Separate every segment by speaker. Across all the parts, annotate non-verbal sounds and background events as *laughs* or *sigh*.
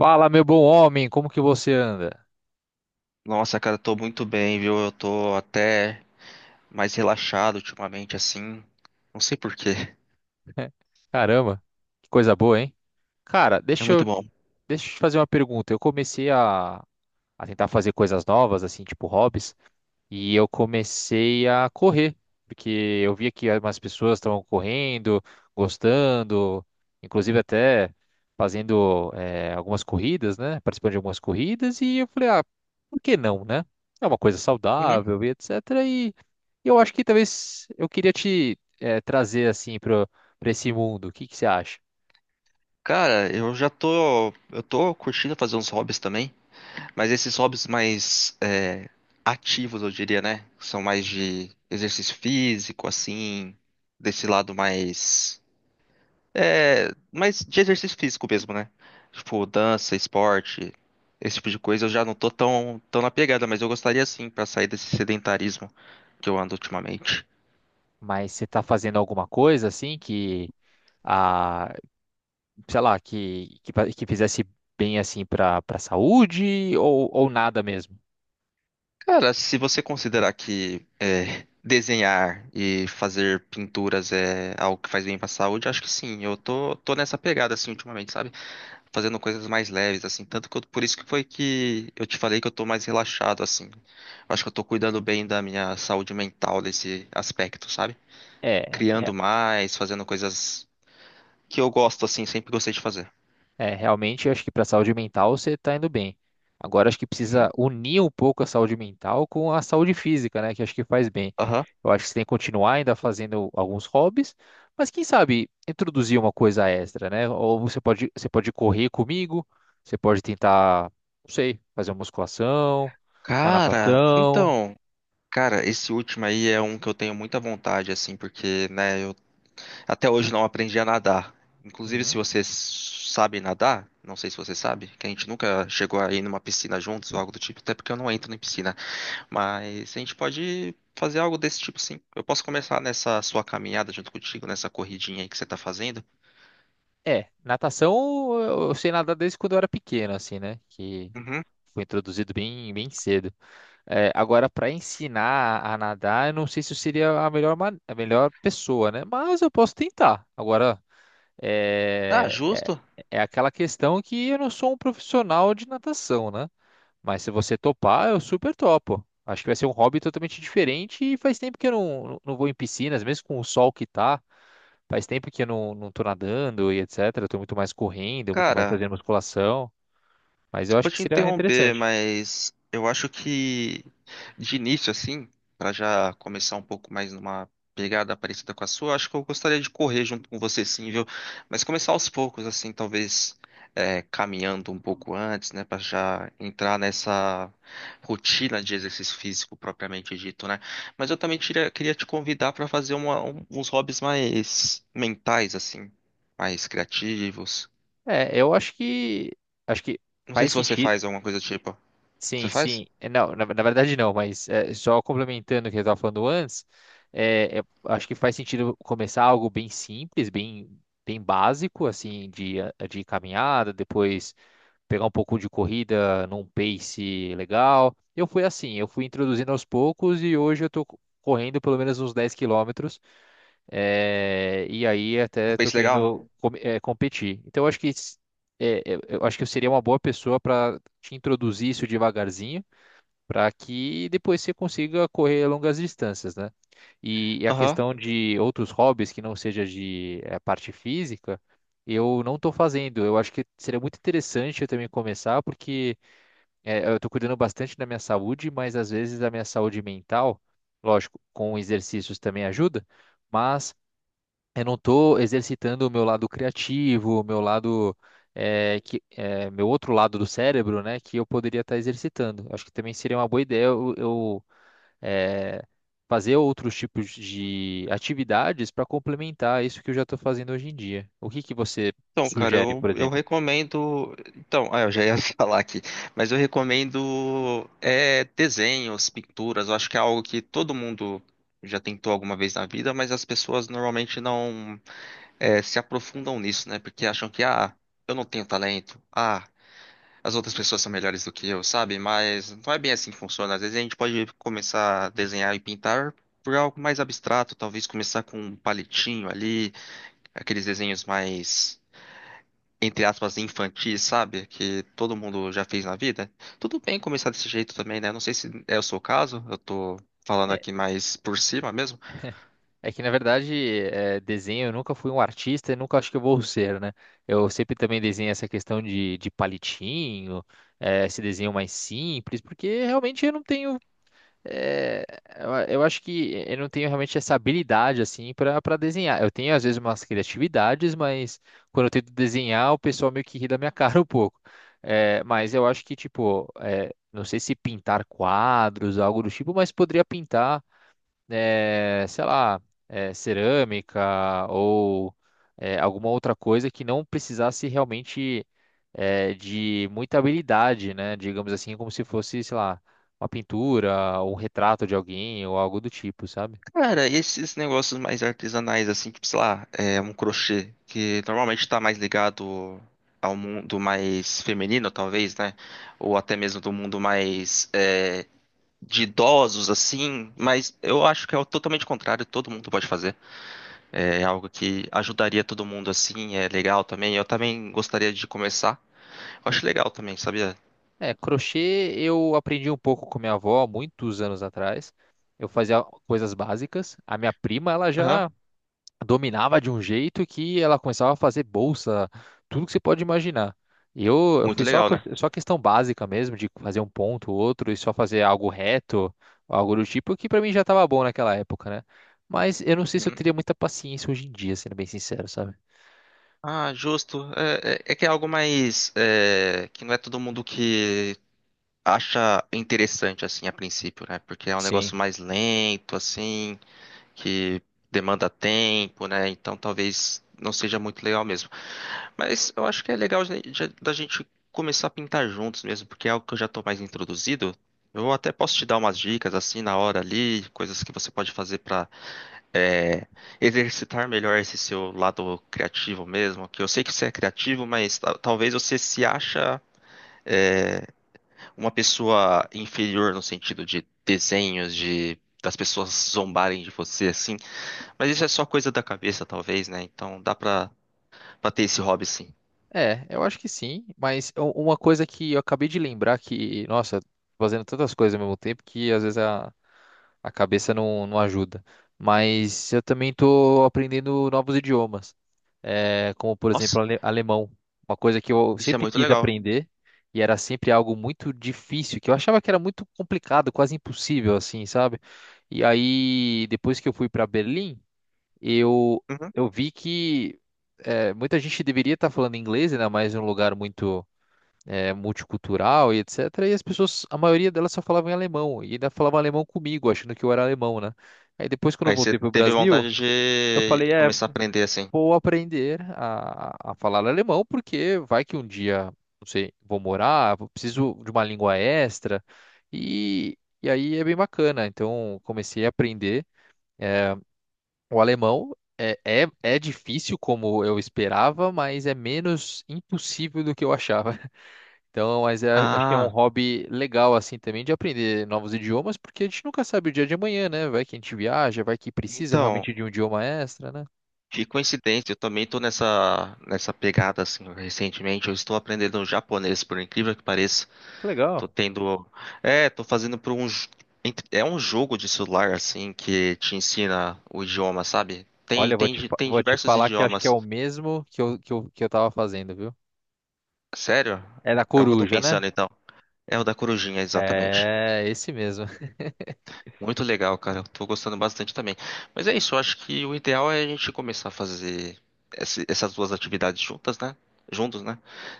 Speaker 1: Fala, meu bom homem, como que você anda?
Speaker 2: Nossa, cara, eu tô muito bem, viu? Eu tô até mais relaxado ultimamente, assim. Não sei por quê. *laughs*
Speaker 1: Caramba, que coisa boa, hein? Cara,
Speaker 2: É
Speaker 1: deixa eu,
Speaker 2: muito bom.
Speaker 1: deixa eu te fazer uma pergunta. Eu comecei a tentar fazer coisas novas, assim, tipo hobbies. E eu comecei a correr, porque eu via que algumas pessoas estavam correndo, gostando, inclusive até fazendo algumas corridas, né? Participando de algumas corridas, e eu falei, ah, por que não, né? É uma coisa
Speaker 2: Uhum.
Speaker 1: saudável e etc. E eu acho que talvez eu queria te trazer assim para esse mundo. O que que você acha?
Speaker 2: Cara, eu já tô. Eu tô curtindo fazer uns hobbies também, mas esses hobbies mais ativos, eu diria, né? São mais de exercício físico, assim, desse lado mais. É, mas de exercício físico mesmo, né? Tipo, dança, esporte, esse tipo de coisa, eu já não tô tão na pegada, mas eu gostaria sim pra sair desse sedentarismo que eu ando ultimamente.
Speaker 1: Mas você está fazendo alguma coisa assim que sei lá, que fizesse bem assim para saúde ou nada mesmo.
Speaker 2: Cara, se você considerar que desenhar e fazer pinturas é algo que faz bem pra saúde, acho que sim. Eu tô nessa pegada assim ultimamente, sabe? Fazendo coisas mais leves, assim. Tanto que por isso que foi que eu te falei que eu tô mais relaxado, assim. Eu acho que eu tô cuidando bem da minha saúde mental nesse aspecto, sabe?
Speaker 1: É, é,
Speaker 2: Criando mais, fazendo coisas que eu gosto, assim, sempre gostei de fazer.
Speaker 1: é, realmente eu acho que para saúde mental você tá indo bem. Agora acho que
Speaker 2: Uhum.
Speaker 1: precisa unir um pouco a saúde mental com a saúde física, né, que acho que faz bem.
Speaker 2: Aham.
Speaker 1: Eu acho que você tem que continuar ainda fazendo alguns hobbies, mas quem sabe introduzir uma coisa extra, né? Ou você pode correr comigo, você pode tentar, não sei, fazer uma musculação, uma
Speaker 2: Cara,
Speaker 1: natação.
Speaker 2: então, cara, esse último aí é um que eu tenho muita vontade, assim, porque, né, eu até hoje não aprendi a nadar. Inclusive, se
Speaker 1: Uhum.
Speaker 2: você sabe nadar, não sei se você sabe, que a gente nunca chegou a ir numa piscina juntos ou algo do tipo, até porque eu não entro em piscina, mas a gente pode fazer algo desse tipo, sim. Eu posso começar nessa sua caminhada junto contigo, nessa corridinha aí que você tá fazendo.
Speaker 1: É, natação eu sei nadar desde quando eu era pequeno, assim, né? Que
Speaker 2: Uhum.
Speaker 1: foi introduzido bem, bem cedo. É, agora, para ensinar a nadar, eu não sei se eu seria a melhor, a melhor pessoa, né? Mas eu posso tentar. Agora,
Speaker 2: Ah,
Speaker 1: é,
Speaker 2: justo.
Speaker 1: é aquela questão que eu não sou um profissional de natação, né? Mas se você topar, eu super topo. Acho que vai ser um hobby totalmente diferente e faz tempo que eu não vou em piscinas, mesmo com o sol que tá. Faz tempo que eu não tô nadando e etc. Eu tô muito mais correndo, muito mais
Speaker 2: Cara,
Speaker 1: fazendo musculação. Mas eu
Speaker 2: vou
Speaker 1: acho que
Speaker 2: te
Speaker 1: seria
Speaker 2: interromper,
Speaker 1: interessante.
Speaker 2: mas eu acho que de início, assim, para já começar um pouco mais numa pegada parecida com a sua, acho que eu gostaria de correr junto com você, sim, viu? Mas começar aos poucos, assim, talvez caminhando um pouco antes, né, para já entrar nessa rotina de exercício físico propriamente dito, né? Mas eu também queria te convidar para fazer uns hobbies mais mentais, assim, mais criativos.
Speaker 1: É, eu acho que
Speaker 2: Não sei
Speaker 1: faz
Speaker 2: se você
Speaker 1: sentido.
Speaker 2: faz alguma coisa do tipo. Você
Speaker 1: Sim,
Speaker 2: faz?
Speaker 1: sim. É, não, na verdade não, mas é, só complementando o que eu estava falando antes, acho que faz sentido começar algo bem simples, bem, bem básico, assim, de, de caminhada, depois pegar um pouco de corrida num pace legal. Eu fui assim, eu fui introduzindo aos poucos e hoje eu estou correndo pelo menos uns 10 quilômetros. É, e aí
Speaker 2: Um
Speaker 1: até estou
Speaker 2: peixe legal?
Speaker 1: querendo competir. Então eu acho que eu acho que eu seria uma boa pessoa para te introduzir isso devagarzinho, para que depois você consiga correr longas distâncias, né? E a
Speaker 2: Aham.
Speaker 1: questão de outros hobbies que não seja de parte física, eu não estou fazendo. Eu acho que seria muito interessante eu também começar, porque eu estou cuidando bastante da minha saúde, mas às vezes a minha saúde mental, lógico, com exercícios também ajuda. Mas eu não estou exercitando o meu lado criativo, o meu lado, meu outro lado do cérebro, né, que eu poderia estar exercitando. Acho que também seria uma boa ideia eu, eh, fazer outros tipos de atividades para complementar isso que eu já estou fazendo hoje em dia. O que que você
Speaker 2: Então, cara,
Speaker 1: sugere,
Speaker 2: eu,
Speaker 1: por
Speaker 2: eu
Speaker 1: exemplo?
Speaker 2: recomendo. Então, ah, eu já ia *laughs* falar aqui, mas eu recomendo desenhos, pinturas. Eu acho que é algo que todo mundo já tentou alguma vez na vida, mas as pessoas normalmente não se aprofundam nisso, né? Porque acham que, ah, eu não tenho talento, ah, as outras pessoas são melhores do que eu, sabe? Mas não é bem assim que funciona. Às vezes a gente pode começar a desenhar e pintar por algo mais abstrato, talvez começar com um palitinho ali. Aqueles desenhos mais, entre aspas, infantis, sabe? Que todo mundo já fez na vida. Tudo bem começar desse jeito também, né? Não sei se é o seu caso, eu tô falando
Speaker 1: É,
Speaker 2: aqui mais por cima mesmo.
Speaker 1: é que, na verdade, desenho, eu nunca fui um artista e nunca acho que eu vou ser, né? Eu sempre também desenho essa questão de palitinho, esse desenho mais simples, porque realmente eu não tenho. É, eu acho que eu não tenho realmente essa habilidade assim para desenhar. Eu tenho às vezes umas criatividades, mas quando eu tento desenhar, o pessoal meio que ri da minha *laughs* cara um pouco. É, mas eu acho que, tipo, é, não sei se pintar quadros, algo do tipo, mas poderia pintar sei lá, cerâmica ou alguma outra coisa que não precisasse realmente de muita habilidade, né? Digamos assim, como se fosse, sei lá, uma pintura, um retrato de alguém ou algo do tipo, sabe?
Speaker 2: Cara, esses negócios mais artesanais, assim, tipo, sei lá, um crochê, que normalmente tá mais ligado ao mundo mais feminino, talvez, né? Ou até mesmo do mundo mais, de idosos, assim. Mas eu acho que é o totalmente contrário, todo mundo pode fazer. É algo que ajudaria todo mundo assim, é legal também. Eu também gostaria de começar. Eu acho legal também, sabia?
Speaker 1: É, crochê eu aprendi um pouco com minha avó há muitos anos atrás. Eu fazia coisas básicas. A minha prima, ela
Speaker 2: Aham.
Speaker 1: já dominava de um jeito que ela começava a fazer bolsa, tudo que você pode imaginar. E eu
Speaker 2: Muito
Speaker 1: fui só,
Speaker 2: legal, né?
Speaker 1: só questão básica mesmo, de fazer um ponto, outro, e só fazer algo reto, algo do tipo, que pra mim já tava bom naquela época, né? Mas eu não sei se eu
Speaker 2: Uhum.
Speaker 1: teria muita paciência hoje em dia, sendo bem sincero, sabe?
Speaker 2: Ah, justo. É, é que é algo mais que não é todo mundo que acha interessante assim a princípio, né? Porque é um negócio
Speaker 1: Sim.
Speaker 2: mais lento, assim, que demanda tempo, né? Então talvez não seja muito legal mesmo. Mas eu acho que é legal da gente começar a pintar juntos mesmo, porque é algo que eu já estou mais introduzido. Eu até posso te dar umas dicas assim na hora ali, coisas que você pode fazer para exercitar melhor esse seu lado criativo mesmo. Que eu sei que você é criativo, mas talvez você se acha é, uma pessoa inferior no sentido de desenhos, de das pessoas zombarem de você, assim. Mas isso é só coisa da cabeça, talvez, né? Então pra ter esse hobby, sim.
Speaker 1: É, eu acho que sim, mas uma coisa que eu acabei de lembrar que, nossa, fazendo tantas coisas ao mesmo tempo que às vezes a cabeça não ajuda. Mas eu também tô aprendendo novos idiomas. É, como por
Speaker 2: Nossa,
Speaker 1: exemplo alemão, uma coisa que eu
Speaker 2: isso é
Speaker 1: sempre
Speaker 2: muito
Speaker 1: quis
Speaker 2: legal.
Speaker 1: aprender e era sempre algo muito difícil, que eu achava que era muito complicado, quase impossível assim, sabe? E aí depois que eu fui para Berlim, eu
Speaker 2: Uhum.
Speaker 1: eu vi que muita gente deveria estar falando inglês, ainda mais em um lugar muito multicultural e etc. E as pessoas, a maioria delas só falava em alemão e ainda falava alemão comigo, achando que eu era alemão, né? Aí depois quando eu
Speaker 2: Aí você
Speaker 1: voltei para o
Speaker 2: teve
Speaker 1: Brasil,
Speaker 2: vontade
Speaker 1: eu
Speaker 2: de
Speaker 1: falei, é,
Speaker 2: começar a aprender assim.
Speaker 1: vou aprender a falar alemão, porque vai que um dia, não sei, vou morar, preciso de uma língua extra, e, e aí é bem bacana. Então, comecei a aprender o alemão. É difícil como eu esperava, mas é menos impossível do que eu achava. *laughs* Então, mas acho que é um
Speaker 2: Ah,
Speaker 1: hobby legal, assim, também, de aprender novos idiomas, porque a gente nunca sabe o dia de amanhã, né? Vai que a gente viaja, vai que precisa
Speaker 2: então,
Speaker 1: realmente de um idioma extra, né?
Speaker 2: que coincidência, eu também tô nessa pegada, assim, recentemente. Eu estou aprendendo japonês, por incrível que pareça.
Speaker 1: Que legal.
Speaker 2: Tô tendo. É, tô fazendo por um. J- ent- É um jogo de celular, assim, que te ensina o idioma, sabe?
Speaker 1: Olha,
Speaker 2: Tem
Speaker 1: vou te
Speaker 2: diversos
Speaker 1: falar que acho que é
Speaker 2: idiomas.
Speaker 1: o mesmo que eu tava fazendo, viu?
Speaker 2: Sério?
Speaker 1: É da
Speaker 2: É o que eu tô
Speaker 1: coruja,
Speaker 2: pensando,
Speaker 1: né?
Speaker 2: então. É o da corujinha, exatamente.
Speaker 1: É, esse mesmo, *laughs*
Speaker 2: Muito legal, cara. Eu tô gostando bastante também. Mas é isso, eu acho que o ideal é a gente começar a fazer essas duas atividades juntas, né? Juntos, né?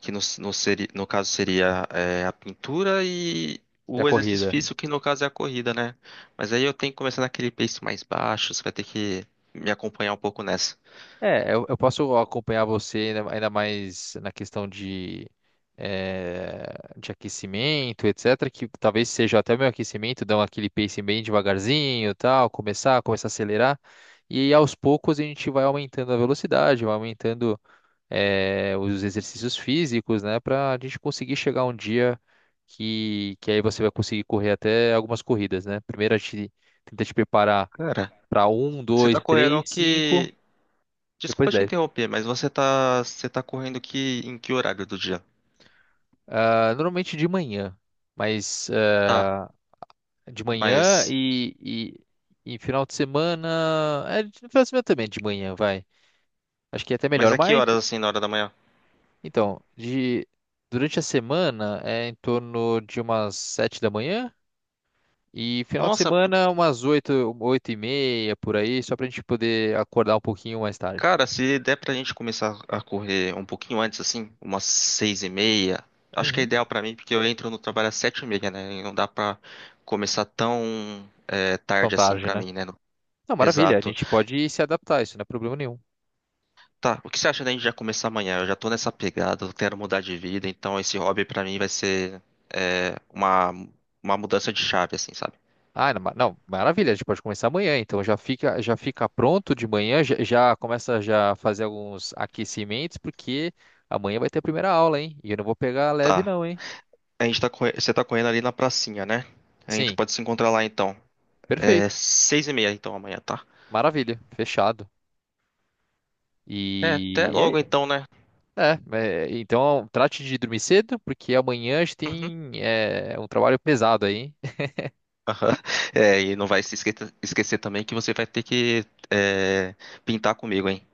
Speaker 2: Que no caso seria a pintura e
Speaker 1: da
Speaker 2: o exercício
Speaker 1: corrida.
Speaker 2: físico, que no caso é a corrida, né? Mas aí eu tenho que começar naquele pace mais baixo, você vai ter que me acompanhar um pouco nessa.
Speaker 1: É, eu posso acompanhar você ainda, ainda mais na questão de, eh, de aquecimento, etc. Que talvez seja até o meu aquecimento, dar aquele pace bem devagarzinho, e tal, começar a acelerar. E aos poucos a gente vai aumentando a velocidade, vai aumentando os exercícios físicos, né, para a gente conseguir chegar um dia que aí você vai conseguir correr até algumas corridas, né? Primeiro a gente tenta te preparar
Speaker 2: Cara,
Speaker 1: para um,
Speaker 2: você
Speaker 1: dois,
Speaker 2: tá correndo
Speaker 1: três, cinco,
Speaker 2: que.
Speaker 1: depois
Speaker 2: Desculpa te
Speaker 1: dez.
Speaker 2: interromper, mas você tá correndo que em que horário do dia?
Speaker 1: Ah, normalmente de manhã, mas
Speaker 2: Tá,
Speaker 1: ah, de manhã
Speaker 2: mas.
Speaker 1: e, final de semana, é, final de semana também de manhã, vai. Acho que é até
Speaker 2: Mas
Speaker 1: melhor,
Speaker 2: a que
Speaker 1: mas
Speaker 2: horas, assim, na hora da manhã?
Speaker 1: então, de durante a semana é em torno de umas 7 da manhã. E final de
Speaker 2: Nossa,
Speaker 1: semana, umas 8, 8:30, por aí, só pra gente poder acordar um pouquinho mais tarde.
Speaker 2: cara, se der pra gente começar a correr um pouquinho antes, assim, umas 6:30, acho que é
Speaker 1: Uhum.
Speaker 2: ideal pra mim, porque eu entro no trabalho às 7:30, né? E não dá pra começar tão
Speaker 1: Tão
Speaker 2: tarde assim
Speaker 1: tarde,
Speaker 2: pra
Speaker 1: né?
Speaker 2: mim, né?
Speaker 1: Não, maravilha, a
Speaker 2: Exato.
Speaker 1: gente pode se adaptar, isso não é problema nenhum.
Speaker 2: Tá, o que você acha da gente já começar amanhã? Eu já tô nessa pegada, eu quero mudar de vida, então esse hobby pra mim vai ser é, uma, uma mudança de chave, assim, sabe?
Speaker 1: Ah, não, não, maravilha, a gente pode começar amanhã, então já fica pronto de manhã, já, já começa já a fazer alguns aquecimentos, porque amanhã vai ter a primeira aula, hein? E eu não vou pegar leve
Speaker 2: Tá.
Speaker 1: não, hein?
Speaker 2: A gente você tá correndo ali na pracinha, né? A gente
Speaker 1: Sim,
Speaker 2: pode se encontrar lá então. É
Speaker 1: perfeito,
Speaker 2: 6:30, então, amanhã, tá?
Speaker 1: maravilha, fechado.
Speaker 2: É, até
Speaker 1: E
Speaker 2: logo,
Speaker 1: é
Speaker 2: então, né?
Speaker 1: É, é, então trate de dormir cedo, porque amanhã a gente
Speaker 2: Uhum.
Speaker 1: tem um trabalho pesado aí. *laughs*
Speaker 2: Aham. É, e não vai se esque- esquecer também que você vai ter que é, pintar comigo, hein?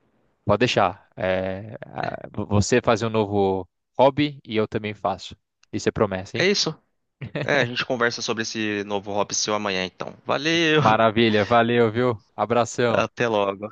Speaker 1: Pode deixar. É, você faz um novo hobby e eu também faço. Isso é promessa,
Speaker 2: É
Speaker 1: hein?
Speaker 2: isso. É, a gente conversa sobre esse novo hobby seu amanhã, então. Valeu! *laughs*
Speaker 1: Maravilha, valeu, viu? Abração.
Speaker 2: Até logo.